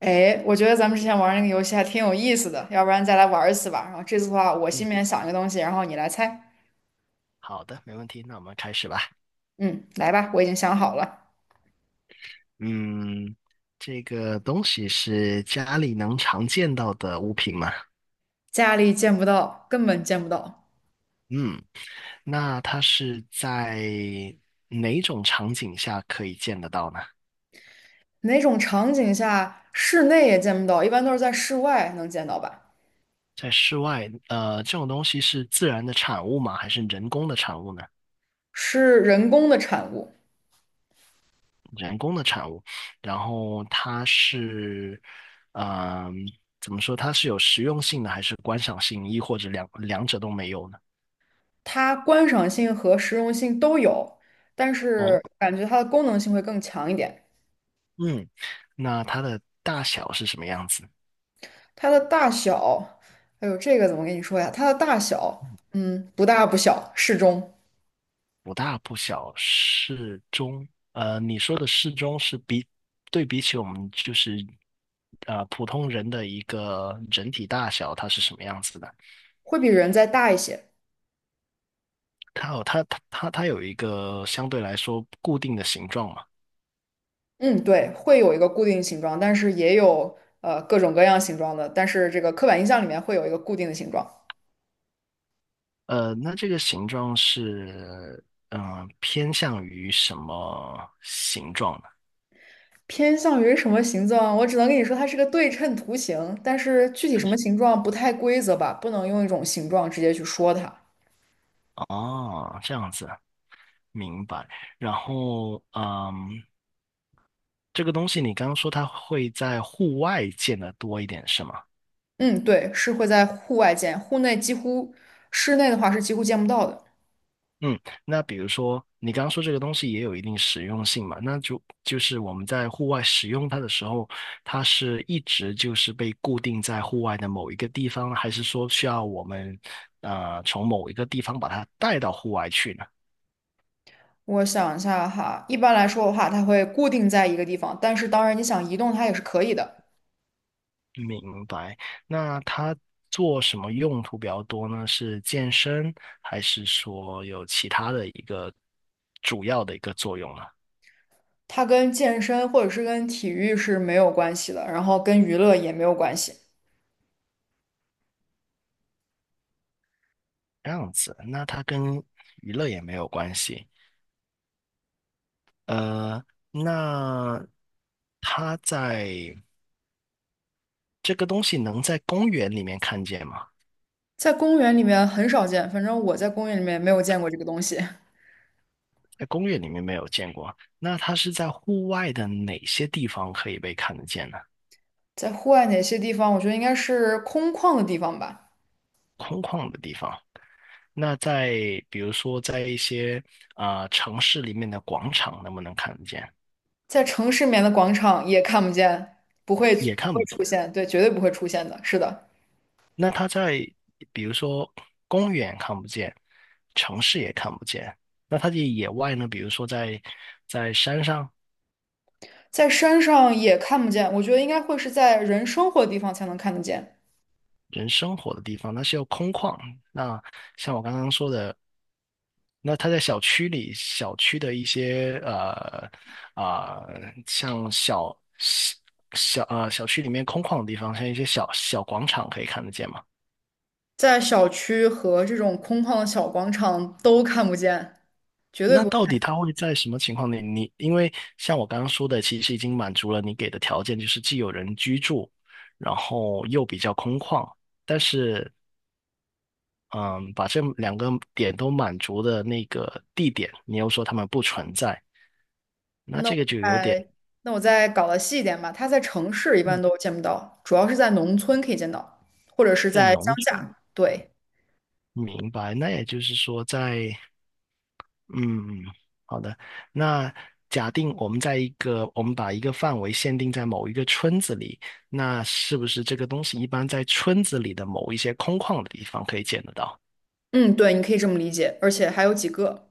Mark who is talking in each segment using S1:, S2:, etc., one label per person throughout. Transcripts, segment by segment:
S1: 哎，我觉得咱们之前玩那个游戏还挺有意思的，要不然再来玩一次吧。然后这次的话，我
S2: 嗯，
S1: 心里面想一个东西，然后你来猜。
S2: 好的，没问题，那我们开始吧。
S1: 嗯，来吧，我已经想好了。
S2: 嗯，这个东西是家里能常见到的物品吗？
S1: 家里见不到，根本见不到。
S2: 嗯，那它是在哪种场景下可以见得到呢？
S1: 哪种场景下室内也见不到？一般都是在室外能见到吧？
S2: 在室外，这种东西是自然的产物吗？还是人工的产物呢？
S1: 是人工的产物，
S2: 人工的产物，然后它是，嗯、怎么说？它是有实用性的，还是观赏性，亦或者两者都没有呢？
S1: 它观赏性和实用性都有，但是
S2: 哦。
S1: 感觉它的功能性会更强一点。
S2: 嗯，那它的大小是什么样子？
S1: 它的大小，哎呦，这个怎么跟你说呀？它的大小，嗯，不大不小，适中。
S2: 不大不小，适中。你说的适中是对比起我们普通人的一个整体大小，它是什么样子的？
S1: 会比人再大一些。
S2: 它有它它它它有一个相对来说固定的形状嘛？
S1: 嗯，对，会有一个固定形状，但是也有各种各样形状的，但是这个刻板印象里面会有一个固定的形状，
S2: 那这个形状是偏向于什么形状呢？
S1: 偏向于什么形状？我只能跟你说它是个对称图形，但是具体什么形状不太规则吧，不能用一种形状直接去说它。
S2: 哦，这样子，明白。然后，嗯。这个东西你刚刚说它会在户外见的多一点，是吗？
S1: 嗯，对，是会在户外见，户内几乎，室内的话是几乎见不到的。
S2: 嗯，那比如说你刚刚说这个东西也有一定实用性嘛，那就是我们在户外使用它的时候，它是一直就是被固定在户外的某一个地方，还是说需要我们从某一个地方把它带到户外去呢？
S1: 我想一下哈，一般来说的话，它会固定在一个地方，但是当然你想移动它也是可以的。
S2: 明白。那它做什么用途比较多呢？是健身，还是说有其他的一个主要的一个作用呢？
S1: 它跟健身或者是跟体育是没有关系的，然后跟娱乐也没有关系，
S2: 这样子，那它跟娱乐也没有关系。呃，那它在这个东西能在公园里面看见吗？
S1: 在公园里面很少见，反正我在公园里面没有见过这个东西。
S2: 在公园里面没有见过。那它是在户外的哪些地方可以被看得见呢？
S1: 在户外哪些地方，我觉得应该是空旷的地方吧，
S2: 空旷的地方。那在比如说在一些城市里面的广场能不能看得见？
S1: 在城市里面的广场也看不见，不会
S2: 也看不见。
S1: 出现，对，绝对不会出现的，是的，
S2: 那它在比如说公园看不见，城市也看不见，那它的野外呢？比如说在山上
S1: 在山上也看不见，我觉得应该会是在人生活的地方才能看得见，
S2: 人生活的地方，那是要空旷。那像我刚刚说的，那它在小区里，小区的一些啊、像小区里面空旷的地方，像一些小小广场可以看得见吗？
S1: 在小区和这种空旷的小广场都看不见，绝对
S2: 那
S1: 不。
S2: 到底他会在什么情况里？你因为像我刚刚说的，其实已经满足了你给的条件，就是既有人居住，然后又比较空旷。但是，嗯，把这两个点都满足的那个地点，你又说他们不存在，那
S1: 那
S2: 这
S1: 我
S2: 个就有点
S1: 再那我再搞得细一点吧，它在城市一般
S2: 嗯，
S1: 都见不到，主要是在农村可以见到，或者是
S2: 在
S1: 在乡
S2: 农村。
S1: 下。对，
S2: 明白。那也就是说在，嗯，好的。那假定我们在一个，我们把一个范围限定在某一个村子里，那是不是这个东西一般在村子里的某一些空旷的地方可以见得到？
S1: 嗯，对，你可以这么理解，而且还有几个，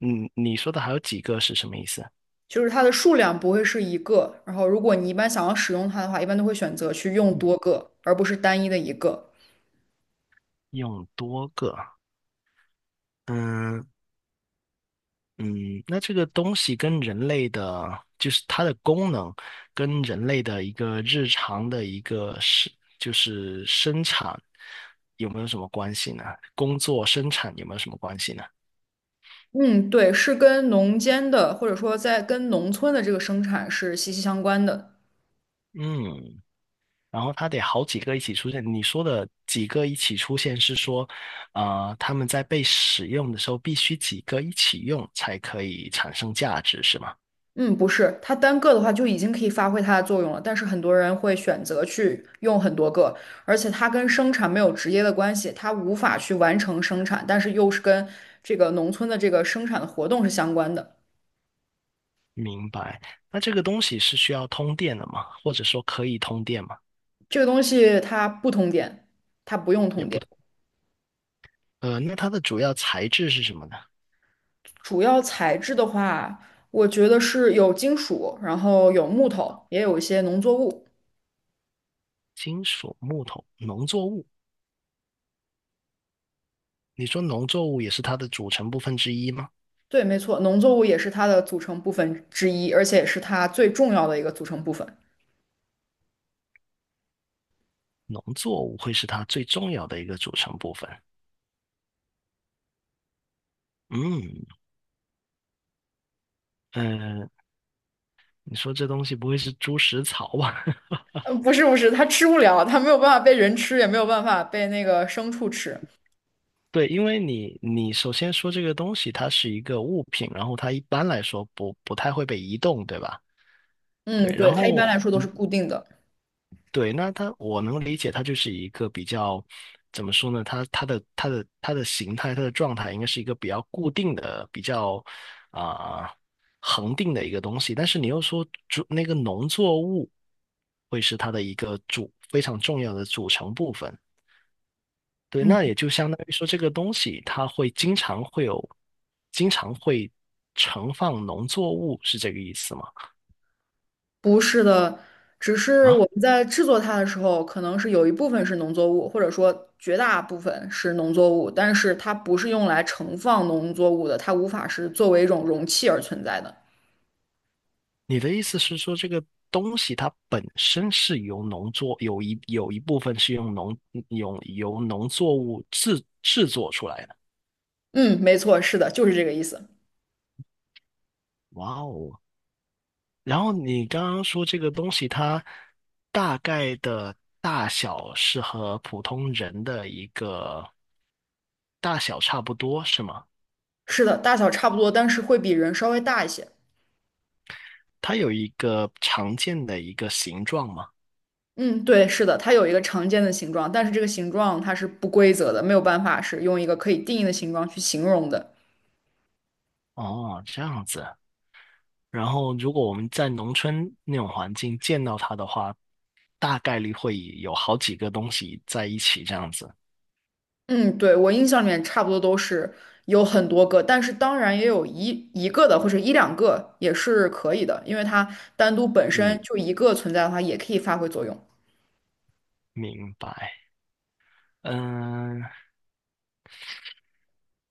S2: 嗯，你说的还有几个是什么意思？
S1: 就是它的数量不会是一个。然后，如果你一般想要使用它的话，一般都会选择去用
S2: 嗯
S1: 多个，而不是单一的一个。
S2: 用多个，嗯，嗯，那这个东西跟人类的，就是它的功能，跟人类的一个日常的一个是，就是生产有没有什么关系呢？工作生产有没有什么关系呢？
S1: 嗯，对，是跟农间的或者说在跟农村的这个生产是息息相关的。
S2: 嗯，然后它得好几个一起出现。你说的几个一起出现是说，他们在被使用的时候必须几个一起用才可以产生价值，是吗？
S1: 嗯，不是，它单个的话就已经可以发挥它的作用了，但是很多人会选择去用很多个，而且它跟生产没有直接的关系，它无法去完成生产，但是又是跟这个农村的这个生产的活动是相关的。
S2: 明白。那这个东西是需要通电的吗？或者说可以通电吗？
S1: 这个东西它不通电，它不用
S2: 也
S1: 通
S2: 不。
S1: 电。
S2: 那它的主要材质是什么呢？
S1: 主要材质的话，我觉得是有金属，然后有木头，也有一些农作物。
S2: 金属、木头、农作物。你说农作物也是它的组成部分之一吗？
S1: 对，没错，农作物也是它的组成部分之一，而且也是它最重要的一个组成部分。
S2: 农作物会是它最重要的一个组成部分。嗯，呃，你说这东西不会是猪食草吧？
S1: 不是不是，它吃不了，它没有办法被人吃，也没有办法被那个牲畜吃。
S2: 对，因为你首先说这个东西它是一个物品，然后它一般来说不太会被移动，对吧？
S1: 嗯，
S2: 对，
S1: 对，
S2: 然
S1: 它一般
S2: 后
S1: 来说都是固定的。
S2: 对，那它我能理解，它就是一个比较怎么说呢？它的形态，它的状态应该是一个比较固定的、比较啊、恒定的一个东西。但是你又说那个农作物会是它的一个非常重要的组成部分。对，
S1: 嗯，
S2: 那也就相当于说这个东西它会经常会有，经常会盛放农作物，是这个意思吗？
S1: 不是的，只是我
S2: 啊？
S1: 们在制作它的时候，可能是有一部分是农作物，或者说绝大部分是农作物，但是它不是用来盛放农作物的，它无法是作为一种容器而存在的。
S2: 你的意思是说，这个东西它本身是由农作，有一有一部分是用由农作物制作出来的。
S1: 嗯，没错，是的，就是这个意思。
S2: 哇哦！然后你刚刚说这个东西它大概的大小是和普通人的一个大小差不多，是吗？
S1: 是的，大小差不多，但是会比人稍微大一些。
S2: 它有一个常见的一个形状吗？
S1: 嗯，对，是的，它有一个常见的形状，但是这个形状它是不规则的，没有办法是用一个可以定义的形状去形容的。
S2: 哦，这样子。然后，如果我们在农村那种环境见到它的话，大概率会有好几个东西在一起这样子。
S1: 嗯，对，我印象里面差不多都是有很多个，但是当然也有一个的或者一两个也是可以的，因为它单独本
S2: 嗯，
S1: 身就一个存在的话，也可以发挥作用。
S2: 明白。嗯，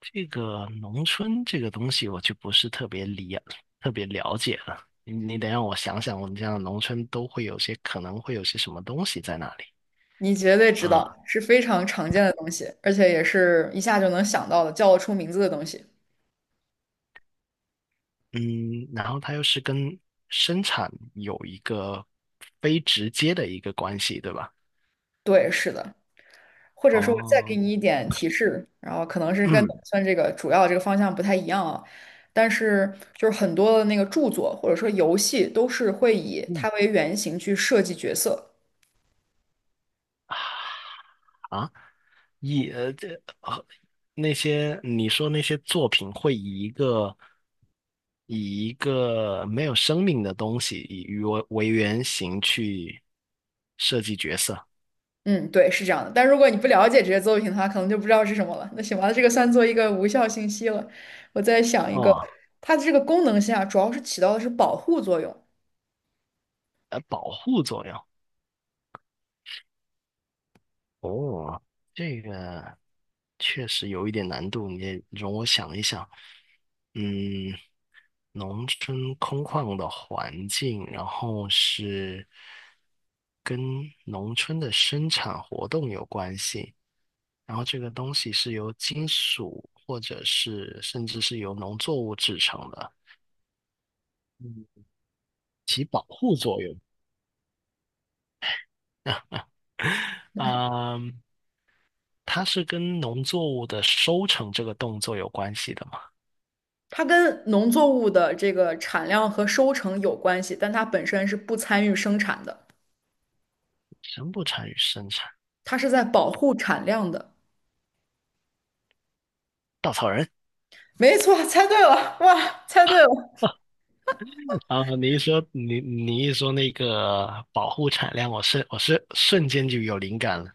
S2: 这个农村这个东西我就不是特别了解了。你得让我想想，我们这样的农村都会有些可能会有些什么东西在那里
S1: 你绝对知道，
S2: 啊？
S1: 是非常常见的东西，而且也是一下就能想到的，叫得出名字的东西。
S2: 嗯，然后它又是跟生产有一个非直接的一个关系，对吧？
S1: 对，是的。或者说我再给
S2: 哦，
S1: 你一点提示，然后可能是跟打
S2: 嗯
S1: 算这个主要这个方向不太一样啊，但是就是很多的那个著作或者说游戏都是会以
S2: 嗯。
S1: 它为原型去设计角色。
S2: 啊，以呃这啊那些你说那些作品会以一个以一个没有生命的东西以鱼为原型去设计角色
S1: 嗯，对，是这样的。但如果你不了解这些作品的话，可能就不知道是什么了。那行吧，这个算作一个无效信息了。我再想一个，
S2: 哦，
S1: 它的这个功能性啊，主要是起到的是保护作用。
S2: 保护作用哦，这个确实有一点难度，你也容我想一想，嗯，农村空旷的环境，然后是跟农村的生产活动有关系。然后这个东西是由金属或者是甚至是由农作物制成的，嗯保护作用。嗯，它是跟农作物的收成这个动作有关系的嘛？
S1: 它跟农作物的这个产量和收成有关系，但它本身是不参与生产的。
S2: 生不产与生产，
S1: 它是在保护产量的。
S2: 稻草人
S1: 没错，猜对了，哇，猜对了。
S2: 啊！你一说那个保护产量，我是瞬间就有灵感了，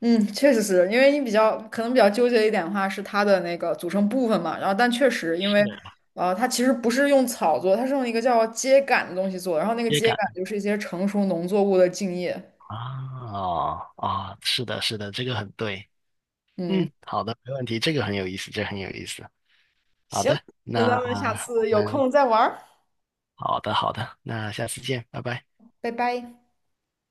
S1: 嗯，确实是因为你比较可能比较纠结一点的话是它的那个组成部分嘛，然后但确实因为
S2: 是
S1: 它其实不是用草做，它是用一个叫秸秆的东西做，然后那个
S2: 接
S1: 秸秆
S2: 感
S1: 就是一些成熟农作物的茎叶。
S2: 啊啊！是的，是的，这个很对。
S1: 嗯，
S2: 嗯，好的，没问题，这个很有意思，这个很有意思。好
S1: 行，
S2: 的，
S1: 那
S2: 那
S1: 咱们下
S2: 我
S1: 次有
S2: 们
S1: 空再玩儿。
S2: 好的好的，那下次见，拜拜。
S1: 拜拜。